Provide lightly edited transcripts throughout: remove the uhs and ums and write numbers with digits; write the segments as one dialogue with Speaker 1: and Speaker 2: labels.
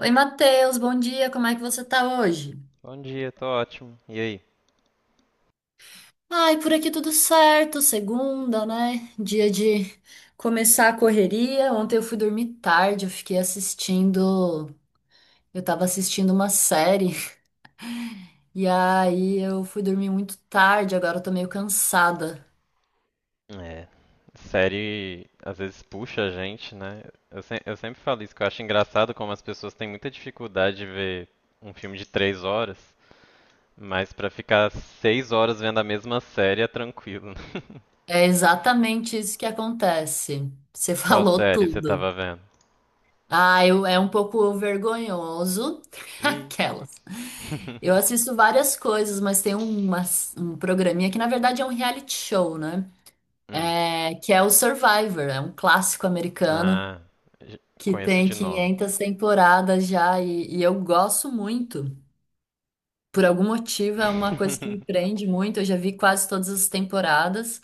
Speaker 1: Oi, Matheus, bom dia, como é que você tá hoje?
Speaker 2: Bom dia, tô ótimo. E aí?
Speaker 1: Ai, por aqui tudo certo, segunda, né? Dia de começar a correria. Ontem eu fui dormir tarde, eu fiquei assistindo, eu tava assistindo uma série, e aí eu fui dormir muito tarde, agora eu tô meio cansada.
Speaker 2: É, série às vezes puxa a gente, né? Eu, se- eu sempre falo isso, que eu acho engraçado como as pessoas têm muita dificuldade de ver um filme de 3 horas, mas pra ficar 6 horas vendo a mesma série é tranquilo, né?
Speaker 1: É exatamente isso que acontece. Você
Speaker 2: Qual
Speaker 1: falou
Speaker 2: série você
Speaker 1: tudo.
Speaker 2: tava vendo?
Speaker 1: Ah, eu, é um pouco vergonhoso,
Speaker 2: Ih.
Speaker 1: aquelas. Eu assisto várias coisas, mas tem um programinha que na verdade é um reality show, né?
Speaker 2: Hum.
Speaker 1: É, que é o Survivor, é um clássico americano
Speaker 2: Ah, j-
Speaker 1: que
Speaker 2: conheço
Speaker 1: tem
Speaker 2: de nome.
Speaker 1: 500 temporadas já e eu gosto muito. Por algum motivo é uma coisa que me prende muito. Eu já vi quase todas as temporadas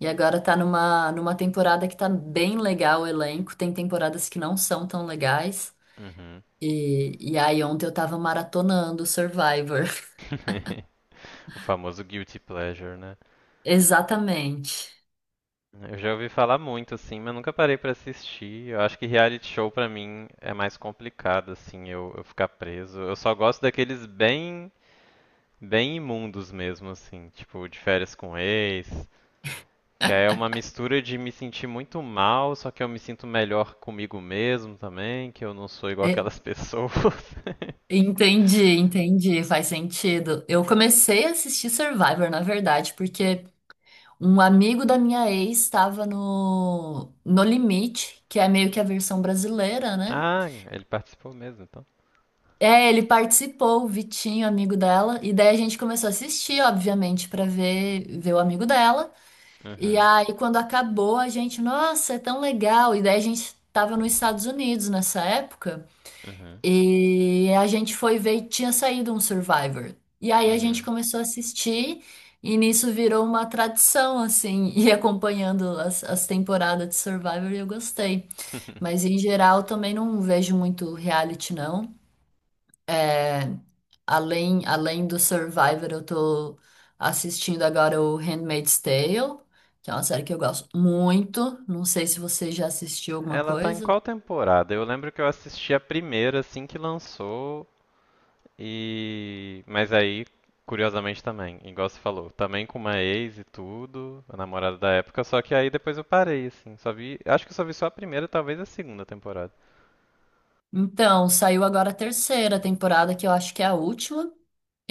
Speaker 1: e agora tá numa temporada que tá bem legal o elenco. Tem temporadas que não são tão legais.
Speaker 2: Uhum.
Speaker 1: E aí ontem eu tava maratonando o Survivor.
Speaker 2: O famoso guilty pleasure, né?
Speaker 1: Exatamente.
Speaker 2: Eu já ouvi falar muito, assim, mas nunca parei pra assistir. Eu acho que reality show pra mim é mais complicado, assim, eu ficar preso. Eu só gosto daqueles bem, bem imundos mesmo, assim, tipo de férias com ex, que aí é uma mistura de me sentir muito mal, só que eu me sinto melhor comigo mesmo também, que eu não sou igual aquelas pessoas.
Speaker 1: Entendi, entendi, faz sentido. Eu comecei a assistir Survivor, na verdade, porque um amigo da minha ex estava no No Limite, que é meio que a versão brasileira, né?
Speaker 2: Ah, ele participou mesmo, então.
Speaker 1: É, ele participou, o Vitinho, amigo dela, e daí a gente começou a assistir, obviamente, pra ver o amigo dela. E
Speaker 2: Uhum,
Speaker 1: aí quando acabou, a gente, nossa, é tão legal. E daí a gente tava nos Estados Unidos nessa época.
Speaker 2: uhum,
Speaker 1: E a gente foi ver e tinha saído um Survivor. E aí a gente
Speaker 2: uhum.
Speaker 1: começou a assistir, e nisso virou uma tradição, assim, ir acompanhando as temporadas de Survivor e eu gostei. Mas em geral também não vejo muito reality, não. Além do Survivor, eu tô assistindo agora o Handmaid's Tale, que é uma série que eu gosto muito. Não sei se você já assistiu alguma
Speaker 2: Ela tá em
Speaker 1: coisa.
Speaker 2: qual temporada? Eu lembro que eu assisti a primeira assim que lançou. E. Mas aí, curiosamente também, igual você falou, também com uma ex e tudo, a namorada da época, só que aí depois eu parei, assim. Só vi. Acho que eu só vi só a primeira, talvez a segunda temporada.
Speaker 1: Então, saiu agora a terceira temporada, que eu acho que é a última.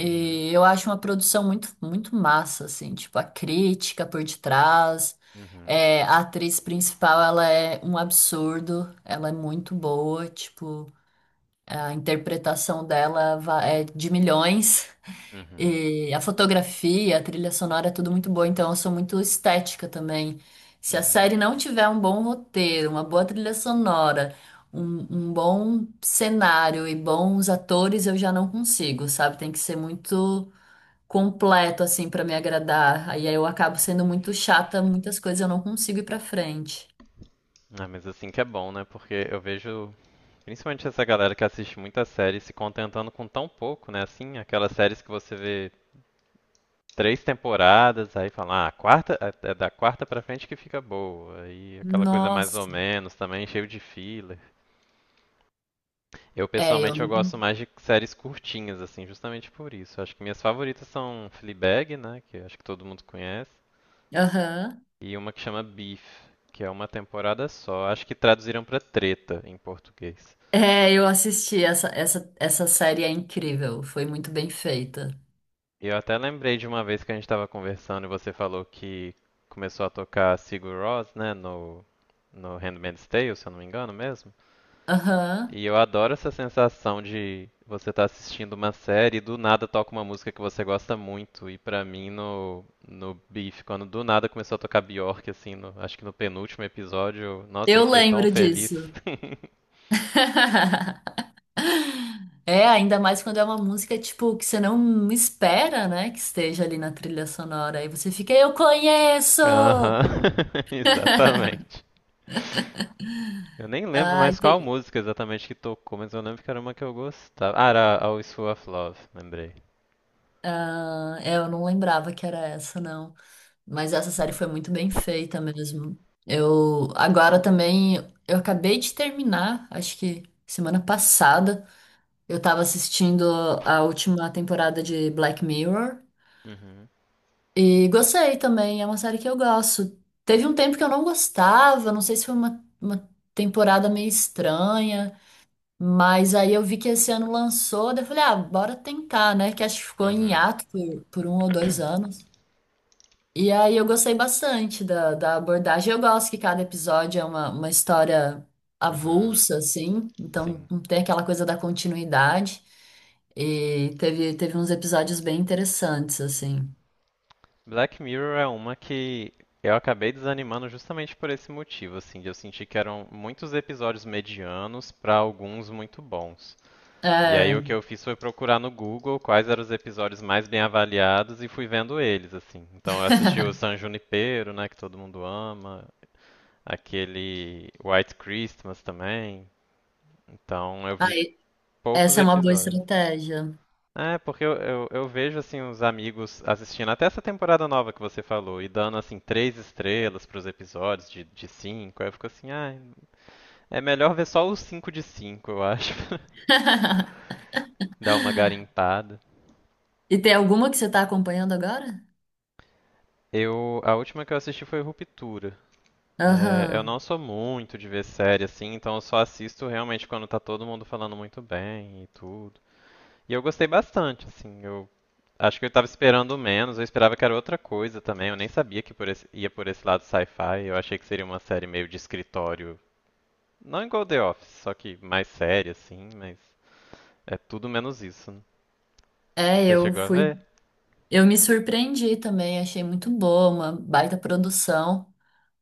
Speaker 2: Uhum.
Speaker 1: eu acho uma produção muito massa, assim, tipo, a crítica por detrás.
Speaker 2: Uhum,
Speaker 1: É, a atriz principal, ela é um absurdo, ela é muito boa, tipo, a interpretação dela é de milhões.
Speaker 2: uhum,
Speaker 1: E a fotografia, a trilha sonora é tudo muito boa, então eu sou muito estética também. Se a
Speaker 2: uhum.
Speaker 1: série não tiver um bom roteiro, uma boa trilha sonora, um bom cenário e bons atores, eu já não consigo, sabe? Tem que ser muito completo assim pra me agradar. Aí eu acabo sendo muito chata, muitas coisas eu não consigo ir pra frente.
Speaker 2: Ah, mas assim que é bom, né? Porque eu vejo, principalmente essa galera que assiste muita série se contentando com tão pouco, né? Assim, aquelas séries que você vê três temporadas, aí fala, ah, a quarta, é da quarta pra frente que fica boa. Aí aquela coisa mais ou
Speaker 1: Nossa.
Speaker 2: menos também, cheio de fila. Eu
Speaker 1: É, eu
Speaker 2: pessoalmente eu
Speaker 1: não.
Speaker 2: gosto mais de séries curtinhas, assim, justamente por isso. Acho que minhas favoritas são Fleabag, né, que acho que todo mundo conhece,
Speaker 1: Aham.
Speaker 2: e uma que chama Beef, que é uma temporada só. Acho que traduziram pra Treta em português.
Speaker 1: É, eu assisti essa série é incrível, foi muito bem feita.
Speaker 2: Eu até lembrei de uma vez que a gente estava conversando e você falou que começou a tocar Sigur Rós, né, no Handmaid's Tale, se eu não me engano mesmo.
Speaker 1: Aham.
Speaker 2: E eu adoro essa sensação de você estar assistindo uma série e do nada toca uma música que você gosta muito. E pra mim no Beef, quando do nada começou a tocar Bjork assim, acho que no penúltimo episódio, nossa, eu
Speaker 1: Eu
Speaker 2: fiquei tão
Speaker 1: lembro
Speaker 2: feliz.
Speaker 1: disso. É, ainda mais quando é uma música, tipo, que você não espera, né, que esteja ali na trilha sonora. Aí você fica, eu conheço!
Speaker 2: Aham. Exatamente. Eu nem lembro
Speaker 1: Ai,
Speaker 2: mais qual
Speaker 1: tem,
Speaker 2: música exatamente que tocou, mas eu lembro que era uma que eu gostava. Ah, era Always Full of Love, lembrei.
Speaker 1: ah, é, eu não lembrava que era essa, não. Mas essa série foi muito bem feita mesmo. Eu agora também, eu acabei de terminar, acho que semana passada, eu tava assistindo a última temporada de Black Mirror
Speaker 2: Uhum.
Speaker 1: e gostei também, é uma série que eu gosto. Teve um tempo que eu não gostava, não sei se foi uma temporada meio estranha, mas aí eu vi que esse ano lançou, daí eu falei, ah, bora tentar, né? Que acho que ficou em hiato por um ou dois anos. E aí eu gostei bastante da abordagem. Eu gosto que cada episódio é uma história
Speaker 2: Uhum.
Speaker 1: avulsa, assim, então
Speaker 2: Sim.
Speaker 1: não tem aquela coisa da continuidade. E teve uns episódios bem interessantes, assim.
Speaker 2: Black Mirror é uma que eu acabei desanimando justamente por esse motivo, assim, de eu sentir que eram muitos episódios medianos para alguns muito bons. E aí
Speaker 1: É,
Speaker 2: o que eu fiz foi procurar no Google quais eram os episódios mais bem avaliados e fui vendo eles, assim. Então eu assisti o San Junipero, né, que todo mundo ama, aquele White Christmas também. Então eu vi
Speaker 1: aí,
Speaker 2: poucos
Speaker 1: essa é uma boa
Speaker 2: episódios.
Speaker 1: estratégia.
Speaker 2: É, porque eu vejo assim os amigos assistindo até essa temporada nova que você falou e dando assim 3 estrelas pros episódios de 5. Aí eu fico assim, ah, é melhor ver só os 5 de 5, eu acho, pra dar uma garimpada.
Speaker 1: E tem alguma que você está acompanhando agora?
Speaker 2: Eu, a última que eu assisti foi Ruptura. É, eu
Speaker 1: Aham.
Speaker 2: não sou muito de ver série assim, então eu só assisto realmente quando tá todo mundo falando muito bem e tudo. E eu gostei bastante, assim. Eu acho que eu estava esperando menos, eu esperava que era outra coisa também. Eu nem sabia que ia por esse lado sci-fi. Eu achei que seria uma série meio de escritório. Não igual The Office, só que mais séria, assim, mas é tudo menos isso. Né?
Speaker 1: É,
Speaker 2: Você
Speaker 1: eu
Speaker 2: chegou a
Speaker 1: fui.
Speaker 2: ver?
Speaker 1: Eu me surpreendi também, achei muito boa, uma baita produção.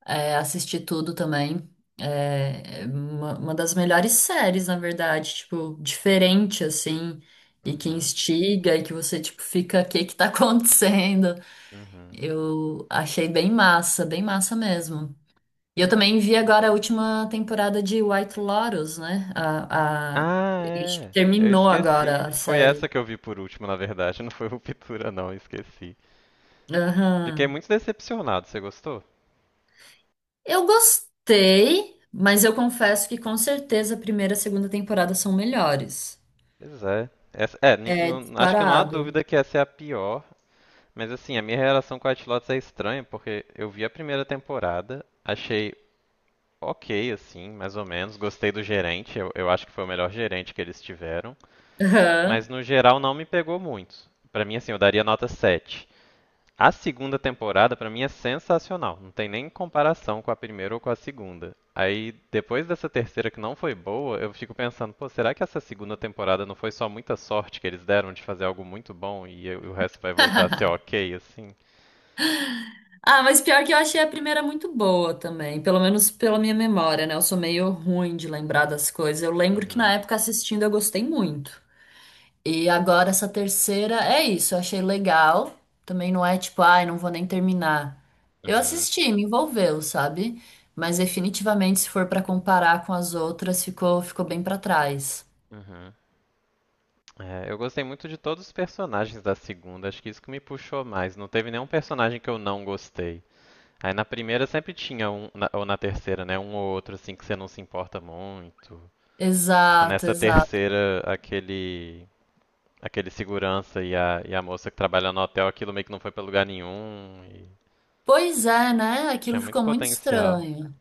Speaker 1: É, assisti tudo também. É uma das melhores séries, na verdade, tipo, diferente, assim, e que
Speaker 2: Uhum.
Speaker 1: instiga, e que você, tipo, fica, o que que tá acontecendo?
Speaker 2: Uhum.
Speaker 1: Eu achei bem massa mesmo. E eu também vi agora a última temporada de White Lotus, né? A...
Speaker 2: Ah,
Speaker 1: Acho que
Speaker 2: é. Eu
Speaker 1: terminou agora
Speaker 2: esqueci.
Speaker 1: a
Speaker 2: Foi essa
Speaker 1: série.
Speaker 2: que eu vi por último, na verdade. Não foi Ruptura, não. Eu esqueci. Fiquei
Speaker 1: Aham.
Speaker 2: muito decepcionado. Você gostou?
Speaker 1: Eu gostei, mas eu confesso que com certeza a primeira e a segunda temporada são melhores.
Speaker 2: Pois é. Essa, é,
Speaker 1: É
Speaker 2: acho que não há
Speaker 1: disparado.
Speaker 2: dúvida que essa é a pior. Mas assim, a minha relação com White Lotus é estranha, porque eu vi a primeira temporada, achei ok, assim, mais ou menos. Gostei do gerente, eu acho que foi o melhor gerente que eles tiveram. Mas
Speaker 1: Aham.
Speaker 2: no geral não me pegou muito. Pra mim, assim, eu daria nota 7. A segunda temporada, pra mim, é sensacional. Não tem nem comparação com a primeira ou com a segunda. Aí, depois dessa terceira que não foi boa, eu fico pensando, pô, será que essa segunda temporada não foi só muita sorte que eles deram de fazer algo muito bom e o resto vai voltar a ser ok, assim?
Speaker 1: Ah, mas pior que eu achei a primeira muito boa também, pelo menos pela minha memória, né? Eu sou meio ruim de lembrar das coisas. Eu lembro que na
Speaker 2: Uhum.
Speaker 1: época assistindo eu gostei muito. E agora essa terceira é isso, eu achei legal. Também não é tipo, ai, não vou nem terminar. Eu
Speaker 2: Uhum,
Speaker 1: assisti, me envolveu, sabe? Mas definitivamente se for pra comparar com as outras, ficou bem pra trás.
Speaker 2: uhum. É, eu gostei muito de todos os personagens da segunda, acho que isso que me puxou mais. Não teve nenhum personagem que eu não gostei. Aí na primeira sempre tinha um, ou na terceira, né? Um ou outro assim que você não se importa muito. Tipo,
Speaker 1: Exato,
Speaker 2: nessa
Speaker 1: exato.
Speaker 2: terceira, aquele segurança e a moça que trabalha no hotel, aquilo meio que não foi pra lugar nenhum e
Speaker 1: Pois é, né?
Speaker 2: tinha
Speaker 1: Aquilo
Speaker 2: muito
Speaker 1: ficou muito
Speaker 2: potencial.
Speaker 1: estranho.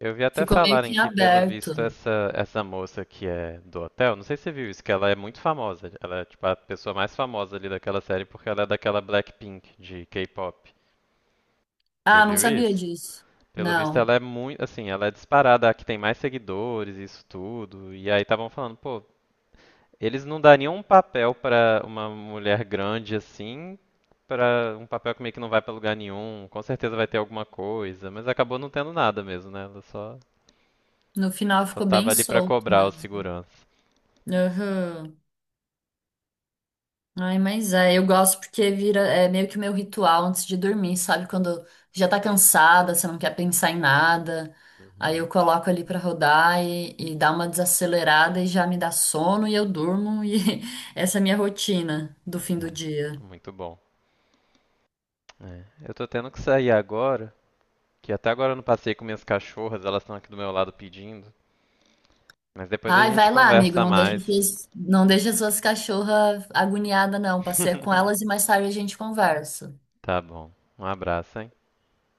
Speaker 2: Eu vi até
Speaker 1: Ficou meio
Speaker 2: falarem
Speaker 1: que
Speaker 2: que, pelo
Speaker 1: aberto.
Speaker 2: visto, essa moça que é do hotel, não sei se você viu isso, que ela é muito famosa. Ela é, tipo, a pessoa mais famosa ali daquela série porque ela é daquela Blackpink de K-pop. Você
Speaker 1: Ah, não
Speaker 2: viu
Speaker 1: sabia
Speaker 2: isso?
Speaker 1: disso.
Speaker 2: Pelo visto,
Speaker 1: Não.
Speaker 2: ela é muito, assim, ela é disparada, a que tem mais seguidores, isso tudo. E aí estavam falando, pô, eles não dariam um papel pra uma mulher grande assim, pra um papel que meio que não vai pra lugar nenhum. Com certeza vai ter alguma coisa, mas acabou não tendo nada mesmo, né? Ela só
Speaker 1: No final
Speaker 2: Só
Speaker 1: ficou
Speaker 2: tava
Speaker 1: bem
Speaker 2: ali pra
Speaker 1: solto
Speaker 2: cobrar o
Speaker 1: mesmo.
Speaker 2: segurança.
Speaker 1: Aham. Ai, mas é, eu gosto porque vira, é meio que o meu ritual antes de dormir, sabe? Quando já tá cansada, você não quer pensar em nada. Aí eu
Speaker 2: Uhum.
Speaker 1: coloco ali pra rodar e dá uma desacelerada e já me dá sono e eu durmo. E essa é a minha rotina do fim do dia.
Speaker 2: É, muito bom. É. Eu tô tendo que sair agora, que até agora eu não passei com minhas cachorras, elas estão aqui do meu lado pedindo. Mas depois a
Speaker 1: Ai,
Speaker 2: gente
Speaker 1: vai lá, amigo.
Speaker 2: conversa mais.
Speaker 1: Não deixa suas cachorras agoniadas, não. Passeia com elas e mais tarde a gente conversa.
Speaker 2: Tá bom. Um abraço, hein?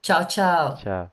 Speaker 1: Tchau, tchau.
Speaker 2: Tchau.